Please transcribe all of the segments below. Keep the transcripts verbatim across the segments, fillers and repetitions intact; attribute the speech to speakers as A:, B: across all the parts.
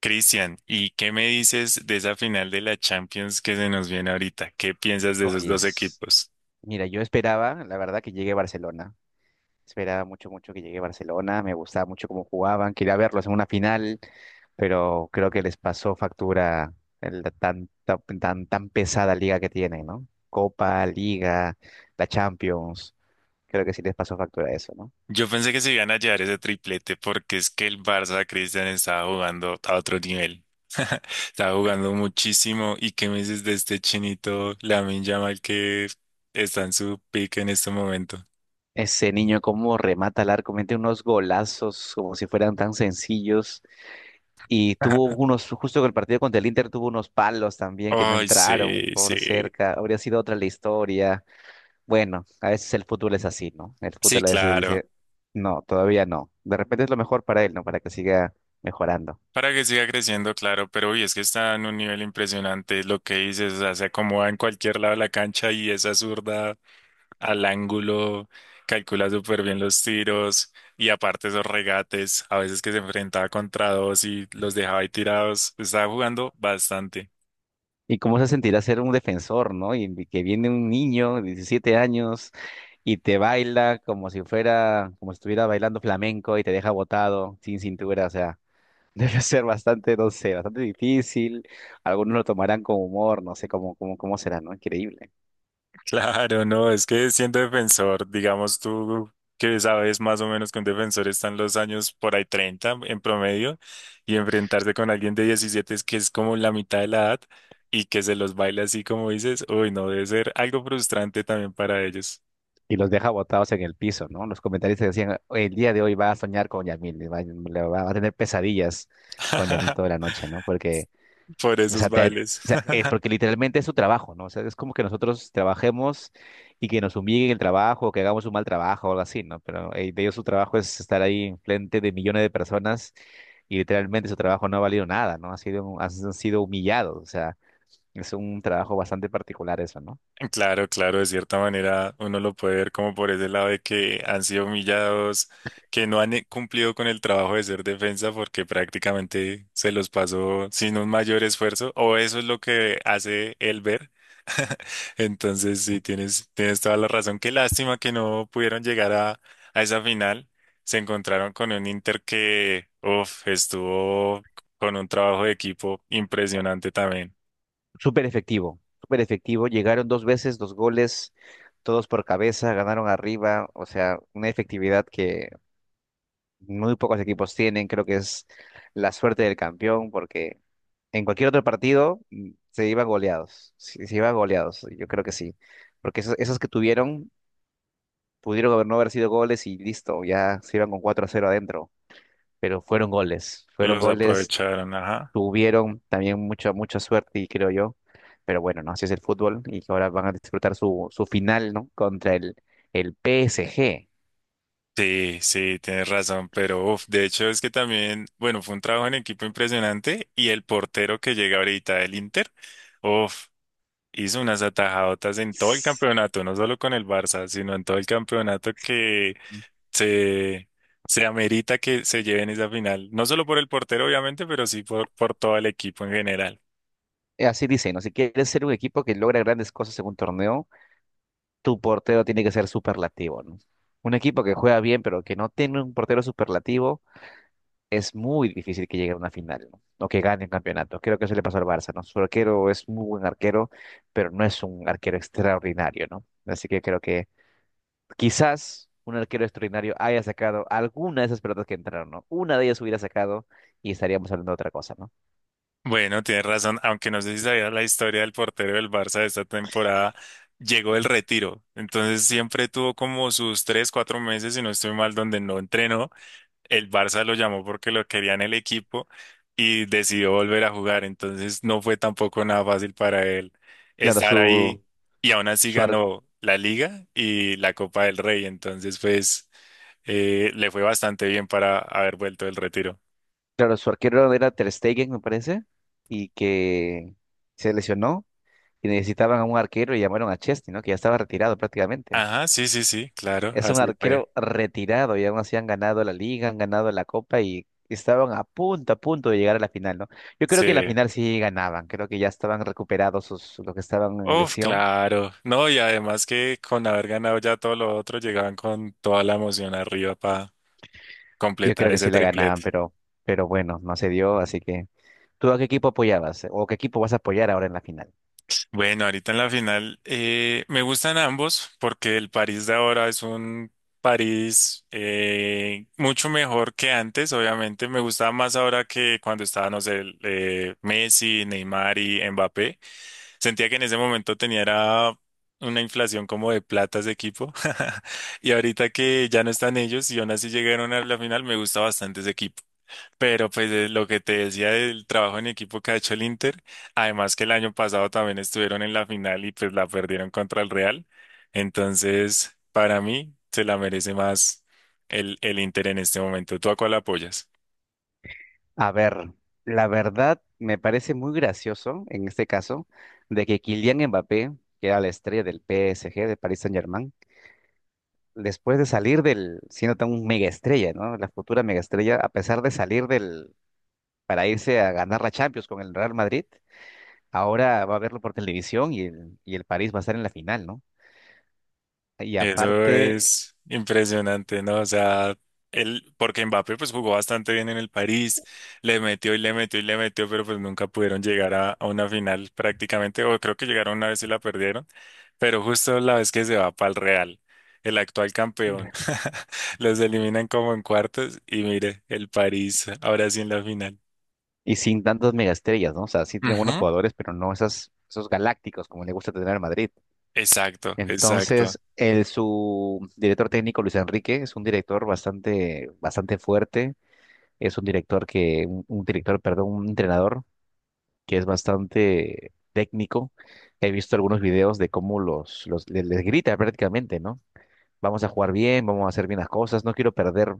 A: Cristian, ¿y qué me dices de esa final de la Champions que se nos viene ahorita? ¿Qué piensas de esos dos
B: Oyes,
A: equipos?
B: mira, yo esperaba, la verdad, que llegue a Barcelona. Esperaba mucho, mucho que llegue a Barcelona. Me gustaba mucho cómo jugaban. Quería verlos en una final, pero creo que les pasó factura el- la tan, tan, tan, tan pesada liga que tienen, ¿no? Copa, Liga, la Champions. Creo que sí les pasó factura eso, ¿no?
A: Yo pensé que se iban a llevar ese triplete porque es que el Barça, Cristian, estaba jugando a otro nivel. Estaba jugando muchísimo. ¿Y qué me dices de este chinito Lamine Yamal que está en su pick en este momento?
B: Ese niño cómo remata al arco, mete unos golazos como si fueran tan sencillos. Y tuvo unos, justo con el partido contra el Inter, tuvo unos palos también que no
A: Ay,
B: entraron
A: sí, sí.
B: por cerca. Habría sido otra la historia. Bueno, a veces el fútbol es así, ¿no? El
A: Sí,
B: fútbol a veces
A: claro.
B: dice, no, todavía no. De repente es lo mejor para él, ¿no? Para que siga mejorando.
A: Para que siga creciendo, claro, pero hoy es que está en un nivel impresionante lo que dices, o sea, se acomoda en cualquier lado de la cancha y esa zurda al ángulo, calcula súper bien los tiros y aparte esos regates, a veces que se enfrentaba contra dos y los dejaba ahí tirados, estaba jugando bastante.
B: ¿Y cómo se sentirá ser un defensor, ¿no? Y y que viene un niño de diecisiete años y te baila como si fuera, como si estuviera bailando flamenco y te deja botado, sin cintura, o sea. Debe ser bastante, no sé, bastante difícil. Algunos lo tomarán con humor, no sé cómo, cómo, cómo será, ¿no? Increíble.
A: Claro, no, es que siendo defensor, digamos tú que sabes más o menos que un defensor están los años por ahí treinta en promedio y enfrentarse con alguien de diecisiete es que es como la mitad de la edad y que se los baile así como dices, uy, no, debe ser algo frustrante también para ellos
B: Y los deja botados en el piso, ¿no? Los comentaristas decían, el día de hoy va a soñar con Yamil, le va, le va- va a tener pesadillas con Yamil toda la noche, ¿no? Porque,
A: por
B: o
A: esos
B: sea, te-
A: bailes.
B: o sea, eh, porque literalmente es su trabajo, ¿no? O sea, es como que nosotros trabajemos y que nos humillen el trabajo, o que hagamos un mal trabajo o algo así, ¿no? Pero eh, de ellos su trabajo es estar ahí frente de millones de personas y literalmente su trabajo no ha valido nada, ¿no? Ha sido, han sido humillados, o sea, es un trabajo bastante particular eso, ¿no?
A: Claro, claro, de cierta manera uno lo puede ver como por ese lado de que han sido humillados, que no han eh, cumplido con el trabajo de ser defensa porque prácticamente se los pasó sin un mayor esfuerzo, o eso es lo que hace él ver. Entonces, sí, tienes, tienes toda la razón. Qué lástima que no pudieron llegar a, a esa final. Se encontraron con un Inter que, uf, estuvo con un trabajo de equipo impresionante también.
B: Súper efectivo, súper efectivo, llegaron dos veces, dos goles, todos por cabeza, ganaron arriba, o sea, una efectividad que muy pocos equipos tienen, creo que es la suerte del campeón, porque en cualquier otro partido mm, se iban goleados, se, se iban goleados, yo creo que sí, porque esos, esos que tuvieron pudieron haber no haber sido goles y listo, ya se iban con cuatro a cero adentro. Pero fueron goles, fueron
A: Los
B: goles,
A: aprovecharon, ajá.
B: tuvieron también mucha, mucha suerte y creo yo, pero bueno, no, así es el fútbol y que ahora van a disfrutar su, su final, ¿no? Contra el, el P S G.
A: Sí, sí, tienes razón, pero uf, de hecho es que también, bueno, fue un trabajo en equipo impresionante y el portero que llega ahorita del Inter, uf, hizo unas atajadotas en todo el
B: S-
A: campeonato, no solo con el Barça, sino en todo el campeonato que
B: G. S-
A: se, se amerita que se lleven esa final, no solo por el portero obviamente, pero sí por, por todo el equipo en general.
B: eh, Así dicen, ¿no? Si quieres ser un equipo que logra grandes cosas en un torneo, tu portero tiene que ser superlativo, ¿no? Un equipo que juega bien, pero que no tiene un portero superlativo es muy difícil que llegue a una final, ¿no? O que gane un campeonato. Creo que eso le pasó al Barça, ¿no? Su arquero es muy buen arquero, pero no es un arquero extraordinario, ¿no? Así que creo que quizás un arquero extraordinario haya sacado alguna de esas pelotas que entraron, ¿no? Una de ellas hubiera sacado y estaríamos hablando de otra cosa, ¿no?
A: Bueno, tienes razón, aunque no sé si sabías la historia del portero del Barça de esta temporada, llegó el retiro, entonces siempre tuvo como sus tres, cuatro meses, si no estoy mal, donde no entrenó, el Barça lo llamó porque lo quería en el equipo y decidió volver a jugar, entonces no fue tampoco nada fácil para él
B: Claro,
A: estar
B: su,
A: ahí y aún así
B: su, ar-
A: ganó la Liga y la Copa del Rey, entonces pues eh, le fue bastante bien para haber vuelto del retiro.
B: claro, su arquero era Ter Stegen, me parece, y que se lesionó y necesitaban a un arquero y llamaron a Chesney, ¿no? Que ya estaba retirado prácticamente.
A: Ajá, sí, sí, sí, claro,
B: Es un
A: así fue.
B: arquero retirado y aún así han ganado la liga, han ganado la copa y estaban a punto, a punto de llegar a la final, ¿no? Yo creo
A: Sí.
B: que en la final sí ganaban, creo que ya estaban recuperados sus, los que estaban en
A: Uf,
B: lesión,
A: claro. No, y además que con haber ganado ya todo lo otro, llegaban con toda la emoción arriba para
B: yo
A: completar
B: creo que
A: ese
B: sí la ganaban,
A: triplete.
B: pero, pero bueno, no se dio, así que ¿tú a qué equipo apoyabas o qué equipo vas a apoyar ahora en la final?
A: Bueno, ahorita en la final eh, me gustan ambos porque el París de ahora es un París eh, mucho mejor que antes. Obviamente me gustaba más ahora que cuando estaba, no sé, el, eh, Messi, Neymar y Mbappé. Sentía que en ese momento tenía era una inflación como de plata ese equipo. Y ahorita que ya no están ellos y aún así llegaron a la final, me gusta bastante ese equipo. Pero pues eh, lo que te decía del trabajo en equipo que ha hecho el Inter, además que el año pasado también estuvieron en la final y pues la perdieron contra el Real. Entonces, para mí se la merece más el, el Inter en este momento. ¿Tú a cuál apoyas?
B: A ver, la verdad me parece muy gracioso en este caso de que Kylian Mbappé, que era la estrella del P S G, de Paris Saint-Germain, después de salir del, siendo tan un mega estrella, ¿no? La futura mega estrella, a pesar de salir del, para irse a ganar la Champions con el Real Madrid, ahora va a verlo por televisión y el, y el París va a estar en la final, ¿no? Y
A: Eso
B: aparte,
A: es impresionante, ¿no? O sea, él, porque Mbappé pues jugó bastante bien en el París, le metió y le metió y le metió, pero pues nunca pudieron llegar a, a una final prácticamente, o creo que llegaron una vez y la perdieron, pero justo la vez que se va para el Real, el actual campeón, los eliminan como en cuartos y mire, el París ahora sí en la final.
B: y sin tantas megaestrellas, ¿no? O sea, sí tiene buenos
A: Ujú,
B: jugadores, pero no esas, esos galácticos como le gusta tener al Madrid.
A: exacto, exacto.
B: Entonces, el, su director técnico, Luis Enrique, es un director bastante, bastante fuerte. Es un director que, un un director, perdón, un entrenador que es bastante técnico. He visto algunos videos de cómo los, los les, les grita prácticamente, ¿no? Vamos a jugar bien, vamos a hacer bien las cosas, no quiero perder,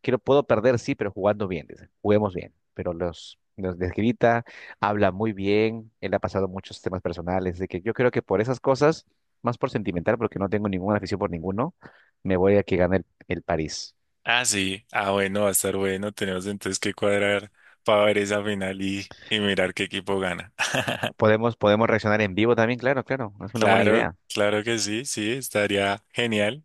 B: quiero, puedo perder, sí, pero jugando bien, dice, juguemos bien. Pero los, los les grita, habla muy bien, él ha pasado muchos temas personales, de que yo creo que por esas cosas, más por sentimental, porque no tengo ninguna afición por ninguno, me voy a que gane el, el París.
A: Ah, sí. Ah, bueno, va a estar bueno. Tenemos entonces que cuadrar para ver esa final y, y mirar qué equipo gana.
B: Podemos, podemos reaccionar en vivo también, claro, claro, es una buena
A: Claro,
B: idea.
A: claro que sí, sí, estaría genial.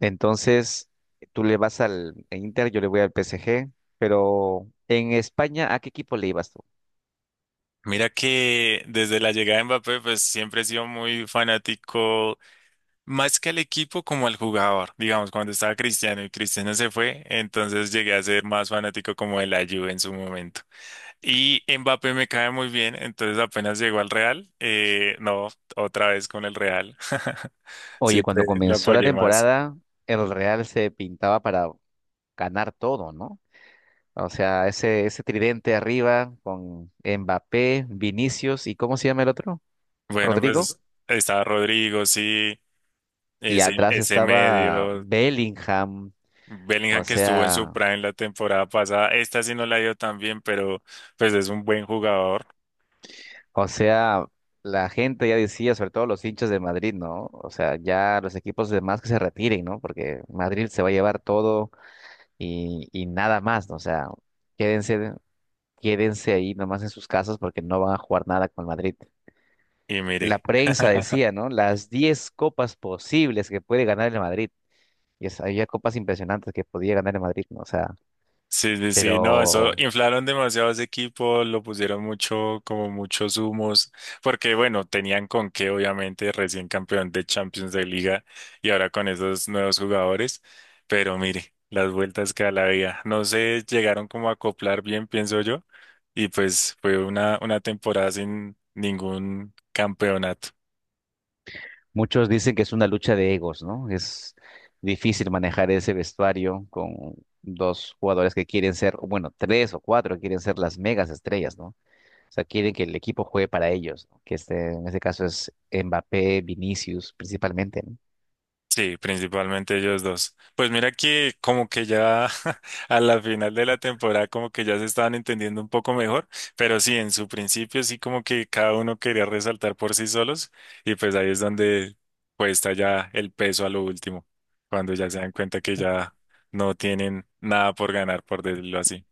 B: Entonces, tú le vas al en Inter, yo le voy al P S G, pero en España, ¿a qué equipo le ibas tú?
A: Mira que desde la llegada de Mbappé, pues siempre he sido muy fanático, más que al equipo como al jugador. Digamos, cuando estaba Cristiano y Cristiano se fue, entonces llegué a ser más fanático como de la Juve en su momento. Y Mbappé me cae muy bien, entonces apenas llegó al Real, eh, no, otra vez con el Real.
B: Oye,
A: Siempre
B: cuando
A: lo
B: comenzó la
A: apoyé más.
B: temporada, el Real se pintaba para ganar todo, ¿no? O sea, ese, ese tridente arriba con Mbappé, Vinicius y ¿cómo se llama el otro?
A: Bueno,
B: Rodrigo.
A: pues está Rodrigo, sí,
B: Y
A: ese,
B: atrás
A: ese
B: estaba
A: medio,
B: Bellingham. O
A: Bellingham que estuvo en su
B: sea,
A: prime la temporada pasada, esta sí no la dio tan bien, pero pues es un buen jugador
B: O sea, la gente ya decía, sobre todo los hinchas de Madrid, ¿no? O sea, ya los equipos demás que se retiren, ¿no? Porque Madrid se va a llevar todo y, y nada más, ¿no? O sea, quédense, quédense ahí nomás en sus casas porque no van a jugar nada con el Madrid.
A: y
B: La
A: mire.
B: prensa decía, ¿no? Las diez copas posibles que puede ganar el Madrid. Y es- había copas impresionantes que podía ganar el Madrid, ¿no? O sea,
A: Sí, sí, sí, no, eso
B: pero
A: inflaron demasiado ese equipo, lo pusieron mucho, como muchos humos, porque bueno, tenían con qué, obviamente, recién campeón de Champions de Liga y ahora con esos nuevos jugadores, pero mire, las vueltas que da la vida, no se llegaron como a acoplar bien, pienso yo, y pues fue una, una temporada sin ningún campeonato.
B: muchos dicen que es una lucha de egos, ¿no? Es difícil manejar ese vestuario con dos jugadores que quieren ser, o bueno, tres o cuatro que quieren ser las megas estrellas, ¿no? O sea, quieren que el equipo juegue para ellos, ¿no? Que este, en este caso es Mbappé, Vinicius, principalmente, ¿no?
A: Sí, principalmente ellos dos. Pues mira que como que ya a la final de la temporada como que ya se estaban entendiendo un poco mejor, pero sí, en su principio sí como que cada uno quería resaltar por sí solos y pues ahí es donde cuesta ya el peso a lo último, cuando ya se dan cuenta que ya no tienen nada por ganar, por decirlo así.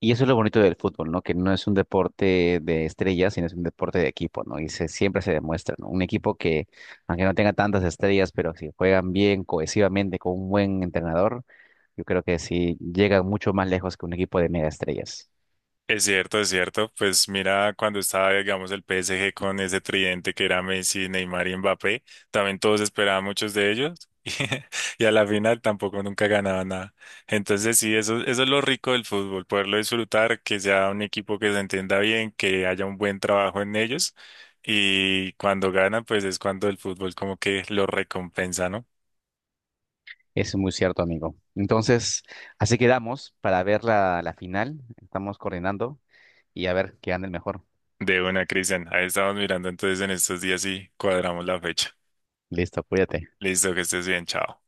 B: Y eso es lo bonito del fútbol, ¿no? Que no es un deporte de estrellas, sino es un deporte de equipo, ¿no? Y se, siempre se demuestra, ¿no? Un equipo que, aunque no tenga tantas estrellas, pero si juegan bien, cohesivamente, con un buen entrenador, yo creo que sí llegan mucho más lejos que un equipo de mega estrellas.
A: Es cierto, es cierto. Pues mira, cuando estaba, digamos, el P S G con ese tridente que era Messi, Neymar y Mbappé, también todos esperaban muchos de ellos y, y a la final tampoco nunca ganaban nada. Entonces sí, eso, eso es lo rico del fútbol, poderlo disfrutar, que sea un equipo que se entienda bien, que haya un buen trabajo en ellos y cuando ganan, pues es cuando el fútbol como que lo recompensa, ¿no?
B: Es muy cierto, amigo. Entonces, así quedamos para ver la, la final. Estamos coordinando y a ver qué gana el mejor.
A: De una, Cristian. Ahí estamos mirando entonces en estos días y cuadramos la fecha.
B: Listo, cuídate.
A: Listo, que estés bien, chao.